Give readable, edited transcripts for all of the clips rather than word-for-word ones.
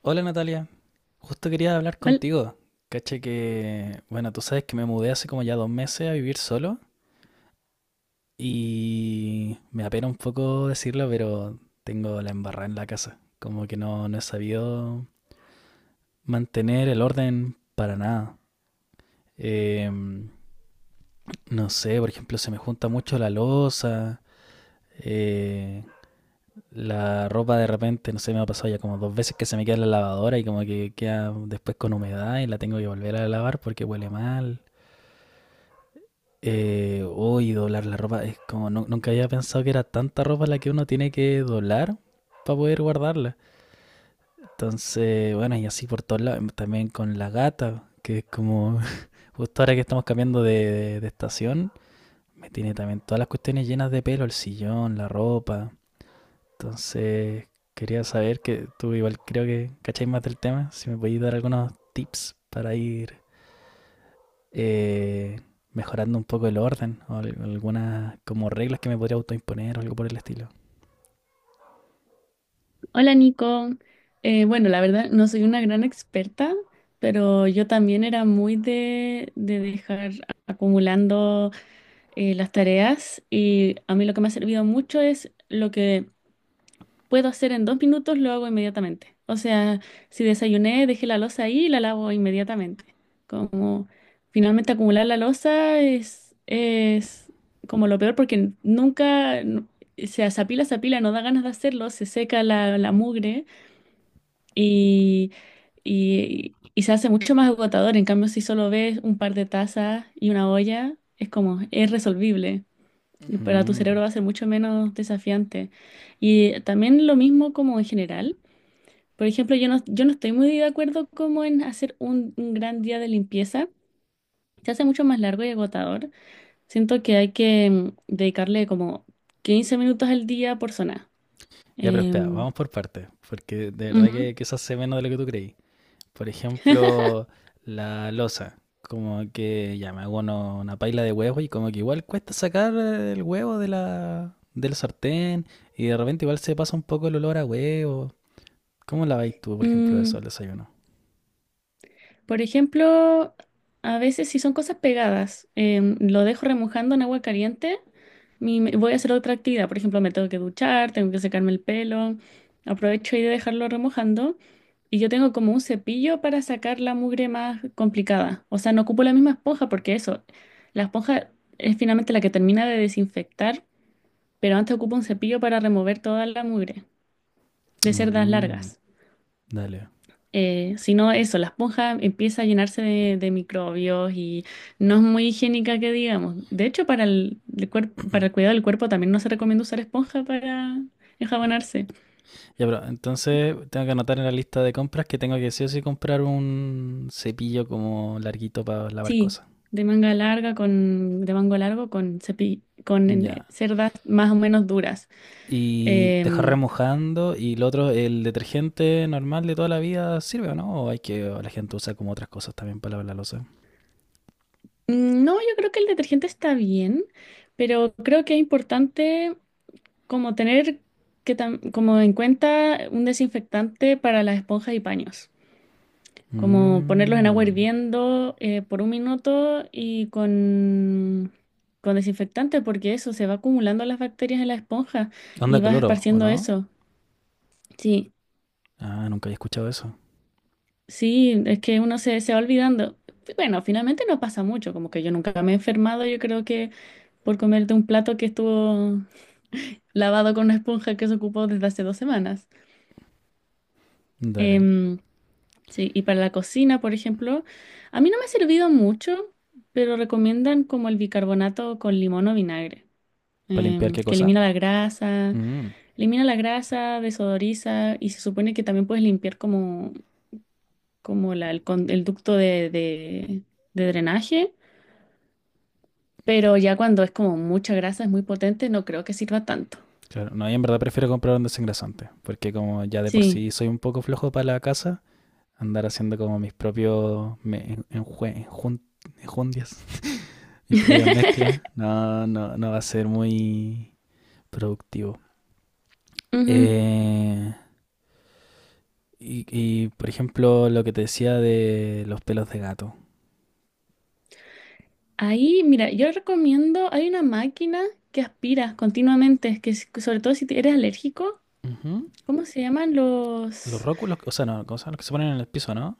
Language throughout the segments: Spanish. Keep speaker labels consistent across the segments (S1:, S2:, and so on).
S1: Hola Natalia, justo quería hablar
S2: Hol-
S1: contigo. Caché que, bueno, tú sabes que me mudé hace como ya 2 meses a vivir solo y me apena un poco decirlo, pero tengo la embarrada en la casa. Como que no he sabido mantener el orden para nada. Em, no sé, por ejemplo, se me junta mucho la loza, eh, la ropa de repente, no sé, me ha pasado ya como 2 veces que se me queda en la lavadora y como que queda después con humedad y la tengo que volver a lavar porque huele mal. Doblar la ropa. Es como, nunca había pensado que era tanta ropa la que uno tiene que doblar para poder guardarla. Entonces, bueno, y así por todos lados. También con la gata, que es como, justo ahora que estamos cambiando de estación, me tiene también todas las cuestiones llenas de pelo, el sillón, la ropa. Entonces, quería saber que tú igual creo que cacháis más del tema, si me podéis dar algunos tips para ir eh, mejorando un poco el orden o algunas como reglas que me podría autoimponer o algo por el estilo.
S2: Hola Nico. Bueno, la verdad no soy una gran experta, pero yo también era muy de dejar acumulando las tareas, y a mí lo que me ha servido mucho es lo que puedo hacer en 2 minutos, lo hago inmediatamente. O sea, si desayuné, dejé la loza ahí y la lavo inmediatamente. Como finalmente acumular la loza es como lo peor porque nunca. Se apila, se apila, no da ganas de hacerlo, se seca la mugre y, y se hace mucho más agotador. En cambio, si solo ves un par de tazas y una olla, es como, es resolvible. Y para tu
S1: Ujú.
S2: cerebro va a ser mucho menos desafiante. Y también lo mismo como en general. Por ejemplo, yo no estoy muy de acuerdo como en hacer un gran día de limpieza. Se hace mucho más largo y agotador. Siento que hay que dedicarle como 15 minutos al día por zona.
S1: Ya, pero espera,
S2: Em,
S1: vamos por partes, porque de verdad
S2: Ujú.
S1: que eso hace menos de lo que tú creí. Por ejemplo, la losa, como que ya me hago una paila de huevos y como que igual cuesta sacar el huevo de del sartén y de repente igual se pasa un poco el olor a huevo. ¿Cómo la vais tú, por ejemplo, eso
S2: Mm,
S1: al desayuno?
S2: Por ejemplo, a veces si son cosas pegadas, lo dejo remojando en agua caliente, voy a hacer otra actividad. Por ejemplo, me tengo que duchar, tengo que secarme el pelo, aprovecho ahí de dejarlo remojando. Y yo tengo como un cepillo para sacar la mugre más complicada. O sea, no ocupo la misma esponja porque eso, la esponja es finalmente la que termina de desinfectar, pero antes ocupo un cepillo para remover toda la mugre de cerdas
S1: Mm,
S2: largas.
S1: dale.
S2: Si no, eso, la esponja empieza a llenarse de microbios, y no es muy higiénica que digamos. De hecho, para el cuidado del cuerpo también no se recomienda usar esponja para enjabonarse.
S1: Ya, pero entonces tengo que anotar en la lista de compras que tengo que sí o sí comprar un cepillo como larguito para lavar
S2: Sí,
S1: cosas.
S2: de manga larga de mango largo con cepi- con
S1: Ya.
S2: eh, cerdas más o menos duras.
S1: Y dejar
S2: Em,
S1: remojando. Y lo otro, ¿el detergente normal de toda la vida sirve o no? O hay que, o la gente usa como otras cosas también para lavar la loza.
S2: no, yo creo que el detergente está bien, pero creo que es importante como tener como en cuenta un desinfectante para las esponjas y paños. Como ponerlos en agua
S1: Mm.
S2: hirviendo por un minuto y con desinfectante, porque eso se va acumulando las bacterias en la esponja y
S1: ¿Onda
S2: vas
S1: cloro, o
S2: esparciendo
S1: no?
S2: eso. Sí,
S1: Ah, nunca había escuchado eso.
S2: sí, es que uno se va olvidando. Bueno, finalmente no pasa mucho, como que yo nunca me he enfermado, yo creo que por comerte un plato que estuvo lavado con una esponja que se ocupó desde hace 2 semanas.
S1: Dale.
S2: Em, Sí, y para la cocina, por ejemplo, a mí no me ha servido mucho, pero recomiendan como el bicarbonato con limón o vinagre,
S1: ¿Para limpiar qué
S2: que
S1: cosa? Mm.
S2: elimina la grasa, desodoriza y se supone que también puedes limpiar como, como la- el, con- el ducto de drenaje, pero ya cuando es como mucha grasa, es muy potente, no creo que sirva tanto.
S1: Claro, no, y en verdad prefiero comprar un desengrasante, porque como ya de por
S2: Sí.
S1: sí soy un poco flojo para la casa, andar haciendo como mis propios enjundias, mis propias mezclas, no va a ser muy productivo.
S2: Ujú.
S1: Eh, y, por ejemplo, lo que te decía de los pelos de gato.
S2: Ahí, mira, yo recomiendo, hay una máquina que aspira continuamente, sobre todo si eres alérgico.
S1: Ujú.
S2: ¿Cómo se llaman
S1: Los
S2: los?
S1: róculos, o sea, no, ¿cómo se llaman? Los que se ponen en el piso, ¿no?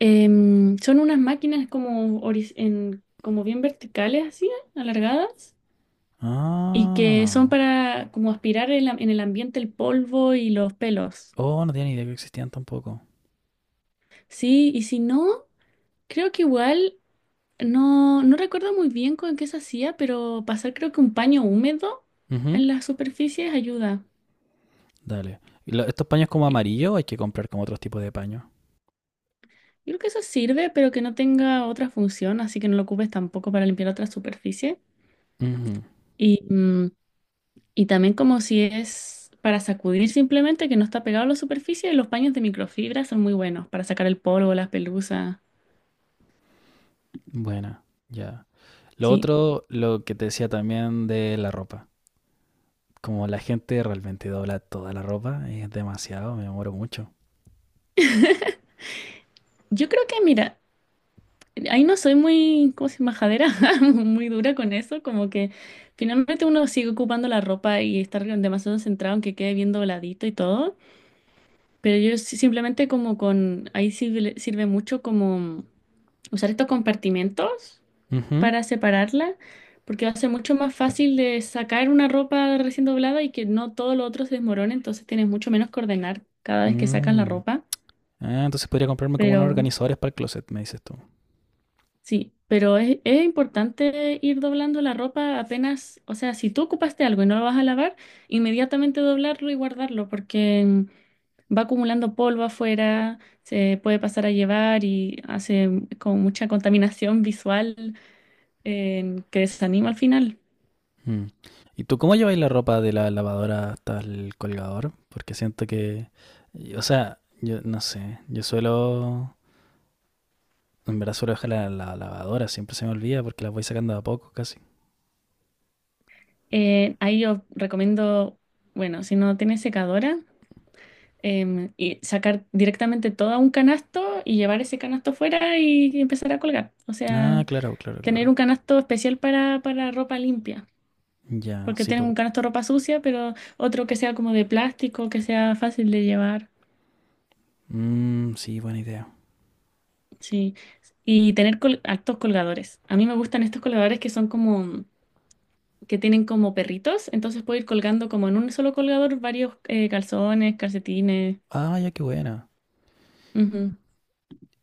S2: Son unas máquinas como bien verticales, así, alargadas, y que son
S1: Ah.
S2: para como aspirar en el ambiente el polvo y los pelos.
S1: Oh, no tenía ni idea que existían tampoco.
S2: Sí, y si no, creo que igual, no recuerdo muy bien con qué se hacía, pero pasar creo que un paño húmedo
S1: Ujú.
S2: en las superficies ayuda.
S1: Dale. ¿Y estos paños como
S2: Y-
S1: amarillo o hay que comprar como otros tipos de paño?
S2: Yo creo que eso sirve, pero que no tenga otra función, así que no lo ocupes tampoco para limpiar otra superficie.
S1: Ujú.
S2: Y, mm, Y también como si es para sacudir simplemente, que no está pegado a la superficie, y los paños de microfibra son muy buenos para sacar el polvo, las pelusas.
S1: Buena, ya. Lo
S2: Sí,
S1: otro, lo que te decía también de la ropa. Como la gente realmente dobla toda la ropa, es demasiado, me demoro mucho.
S2: yo creo que, mira, ahí no soy muy, ¿cómo se llama? Majadera, muy dura con eso, como que finalmente uno sigue ocupando la ropa y estar demasiado centrado en que quede bien dobladito y todo, pero simplemente como ahí sirve mucho como usar estos compartimentos
S1: Ujú.
S2: para separarla, porque va a ser mucho más fácil de sacar una ropa recién doblada y que no todo lo otro se desmorone, entonces tienes mucho menos que ordenar cada vez que sacas la
S1: Mm.
S2: ropa.
S1: Ah, entonces podría comprarme como unos
S2: Pero
S1: organizadores para el closet, me dices tú.
S2: sí, pero es importante ir doblando la ropa apenas, o sea, si tú ocupaste algo y no lo vas a lavar, inmediatamente doblarlo y guardarlo, porque va acumulando polvo afuera, se puede pasar a llevar y hace como mucha contaminación visual, que desanima al final.
S1: Mm. ¿Y tú cómo lleváis la ropa de la lavadora hasta el colgador? Porque siento que, o sea, yo no sé, yo suelo, en verdad suelo dejar la lavadora, siempre se me olvida porque la voy sacando de a poco casi.
S2: Ahí yo recomiendo, bueno, si no tienes secadora, y sacar directamente todo a un canasto y llevar ese canasto fuera y empezar a colgar. O
S1: Ah,
S2: sea, tener
S1: claro.
S2: un canasto especial para ropa limpia,
S1: Ya,
S2: porque
S1: sí,
S2: tienes
S1: po.
S2: un canasto de ropa sucia, pero otro que sea como de plástico, que sea fácil de llevar.
S1: Mm, sí, buena idea.
S2: Sí. Y tener altos colgadores. A mí me gustan estos colgadores que son como, que tienen como perritos, entonces puedo ir colgando como en un solo colgador varios calzones, calcetines.
S1: Ah, ya, qué buena.
S2: Ujú.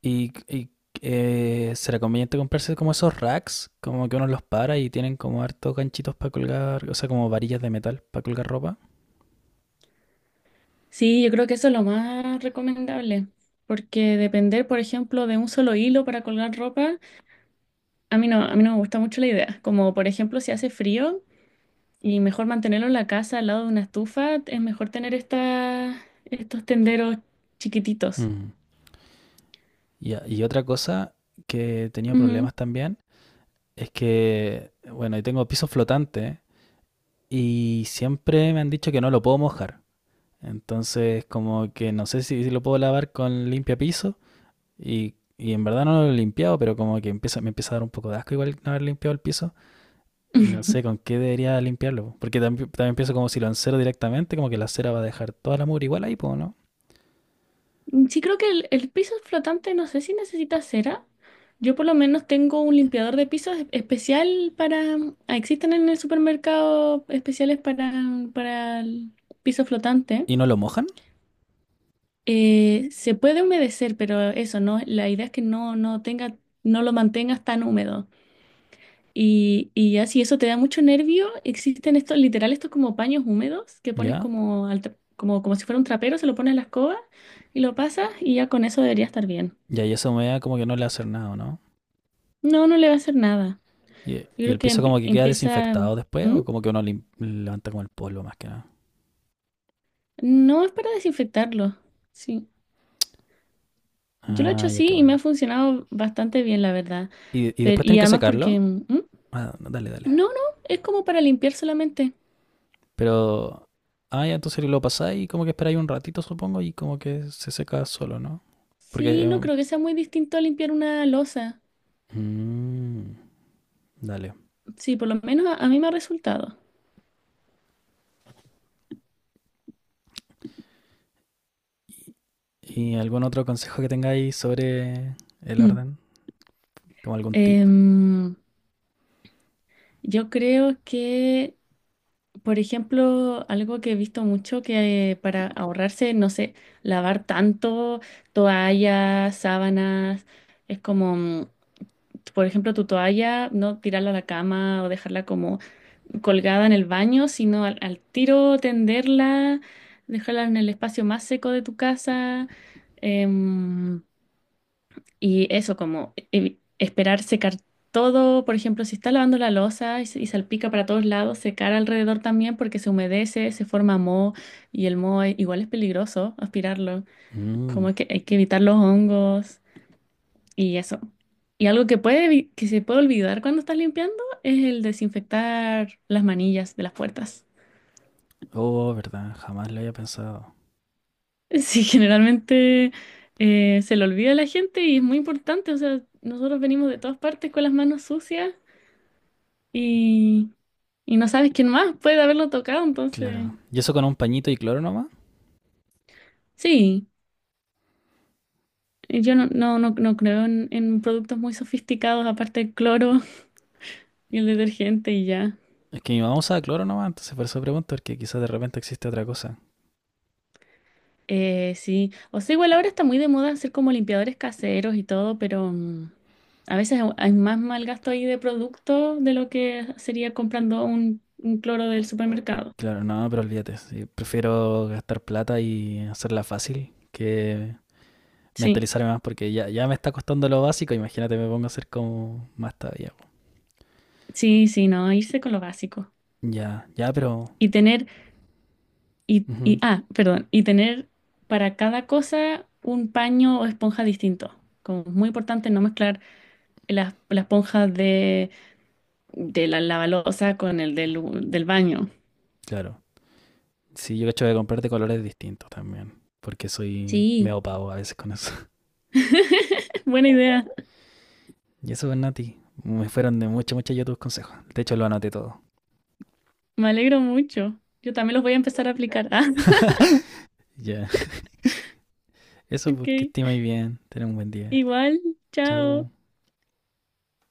S1: ¿Y, será conveniente comprarse como esos racks? Como que uno los para y tienen como hartos ganchitos para colgar, o sea, como varillas de metal para colgar ropa.
S2: Sí, yo creo que eso es lo más recomendable, porque depender, por ejemplo, de un solo hilo para colgar ropa, a mí no me gusta mucho la idea. Como, por ejemplo, si hace frío y mejor mantenerlo en la casa al lado de una estufa, es mejor tener estas estos tenderos chiquititos.
S1: Mm. Ya. Y otra cosa que he tenido
S2: Ujú.
S1: problemas también es que, bueno, yo tengo piso flotante y siempre me han dicho que no lo puedo mojar. Entonces, como que no sé si, si lo puedo lavar con limpia piso y en verdad no lo he limpiado, pero como que empieza, me empieza a dar un poco de asco igual no haber limpiado el piso. Y no sé con qué debería limpiarlo, po. Porque también, también pienso como si lo encero directamente, como que la cera va a dejar toda la mugre igual ahí, po, ¿no?
S2: Sí, creo que el piso flotante no sé si necesita cera. Yo por lo menos tengo un limpiador de pisos especial para. Existen en el supermercado especiales para el piso flotante.
S1: ¿Y no lo mojan?
S2: Se puede humedecer, pero eso, ¿no? La idea es que no lo mantengas tan húmedo. Y ya si eso te da mucho nervio, existen estos, literal, estos como paños húmedos que pones
S1: ¿Ya?
S2: como si fuera un trapero, se lo pones en la escoba y lo pasas y ya con eso debería estar bien.
S1: ¿Y ahí eso me da como que no le hace nada, no?
S2: No, no le va a hacer nada. Yo
S1: Y
S2: creo
S1: ¿el
S2: que
S1: piso como que queda
S2: empieza.
S1: desinfectado después,
S2: ¿Mm?
S1: o como que uno levanta como el polvo más que nada?
S2: No es para desinfectarlo. Sí. Yo lo he hecho
S1: Ah, ya
S2: así
S1: qué
S2: y me ha
S1: bueno.
S2: funcionado bastante bien, la verdad.
S1: Y
S2: Pero,
S1: después
S2: y
S1: tenés que
S2: además porque...
S1: secarlo.
S2: ¿Mm?
S1: Ah, no, dale, dale.
S2: No, no, es como para limpiar solamente.
S1: Pero. Ah, ¿ya entonces lo pasáis y como que esperáis un ratito, supongo, y como que se seca solo, no? Porque.
S2: Sí, no creo que sea muy distinto a limpiar una losa.
S1: Mm, dale.
S2: Sí, por lo menos a mí me ha resultado.
S1: ¿Y algún otro consejo que tengáis sobre el
S2: Mm.
S1: orden? ¿Como algún tip?
S2: Em, yo creo que. Por ejemplo, algo que he visto mucho que para ahorrarse, no sé, lavar tanto toallas, sábanas, es como, por ejemplo, tu toalla, no tirarla a la cama o dejarla como colgada en el baño, sino al tiro tenderla, dejarla en el espacio más seco de tu casa. em, y eso, como esperar secar todo, por ejemplo, si está lavando la losa y salpica para todos lados, secar alrededor también porque se humedece, se forma moho y el moho igual es peligroso aspirarlo,
S1: Mm.
S2: como que hay que evitar los hongos y eso. Y algo que que se puede olvidar cuando estás limpiando es el desinfectar las manillas de las puertas.
S1: Oh, verdad, jamás lo había pensado.
S2: Sí, generalmente se le olvida a la gente y es muy importante, o sea, nosotros venimos de todas partes con las manos sucias, Y, y no sabes quién más puede haberlo tocado, entonces
S1: Claro. ¿Y eso con un pañito y cloro nomás?
S2: sí, yo no creo en productos muy sofisticados, aparte del cloro y el detergente y ya.
S1: Es que mi mamá usaba cloro nomás, entonces por eso pregunto, porque quizás de repente existe otra cosa.
S2: Sí, o sea, igual ahora está muy de moda hacer como limpiadores caseros y todo, pero a veces hay más mal gasto ahí de producto de lo que sería comprando un cloro del supermercado.
S1: Claro, no, pero olvídate. Sí, prefiero gastar plata y hacerla fácil que
S2: Sí,
S1: mentalizarme más, porque ya me está costando lo básico. Imagínate, me pongo a hacer como más todavía.
S2: sí, sí, no, irse con lo básico.
S1: Ya, ya, pero.
S2: Y tener
S1: Ujú,
S2: ah, perdón, y tener para cada cosa un paño o esponja distinto. Como es muy importante no mezclar las la esponja de la lavalosa con el del baño.
S1: claro. Sí, yo cacho de comprarte colores distintos también. Porque soy
S2: Sí,
S1: medio pavo a veces con eso.
S2: buena idea.
S1: Y eso, pues, Nati. Me fueron de mucho, mucho ya tus consejos. De hecho, lo anoté todo.
S2: Me alegro mucho. Yo también los voy a empezar a aplicar.
S1: Ya.
S2: Ah,
S1: Eso,
S2: ok.
S1: porque esté muy bien. Ten un buen día.
S2: Igual, chao.
S1: Chau.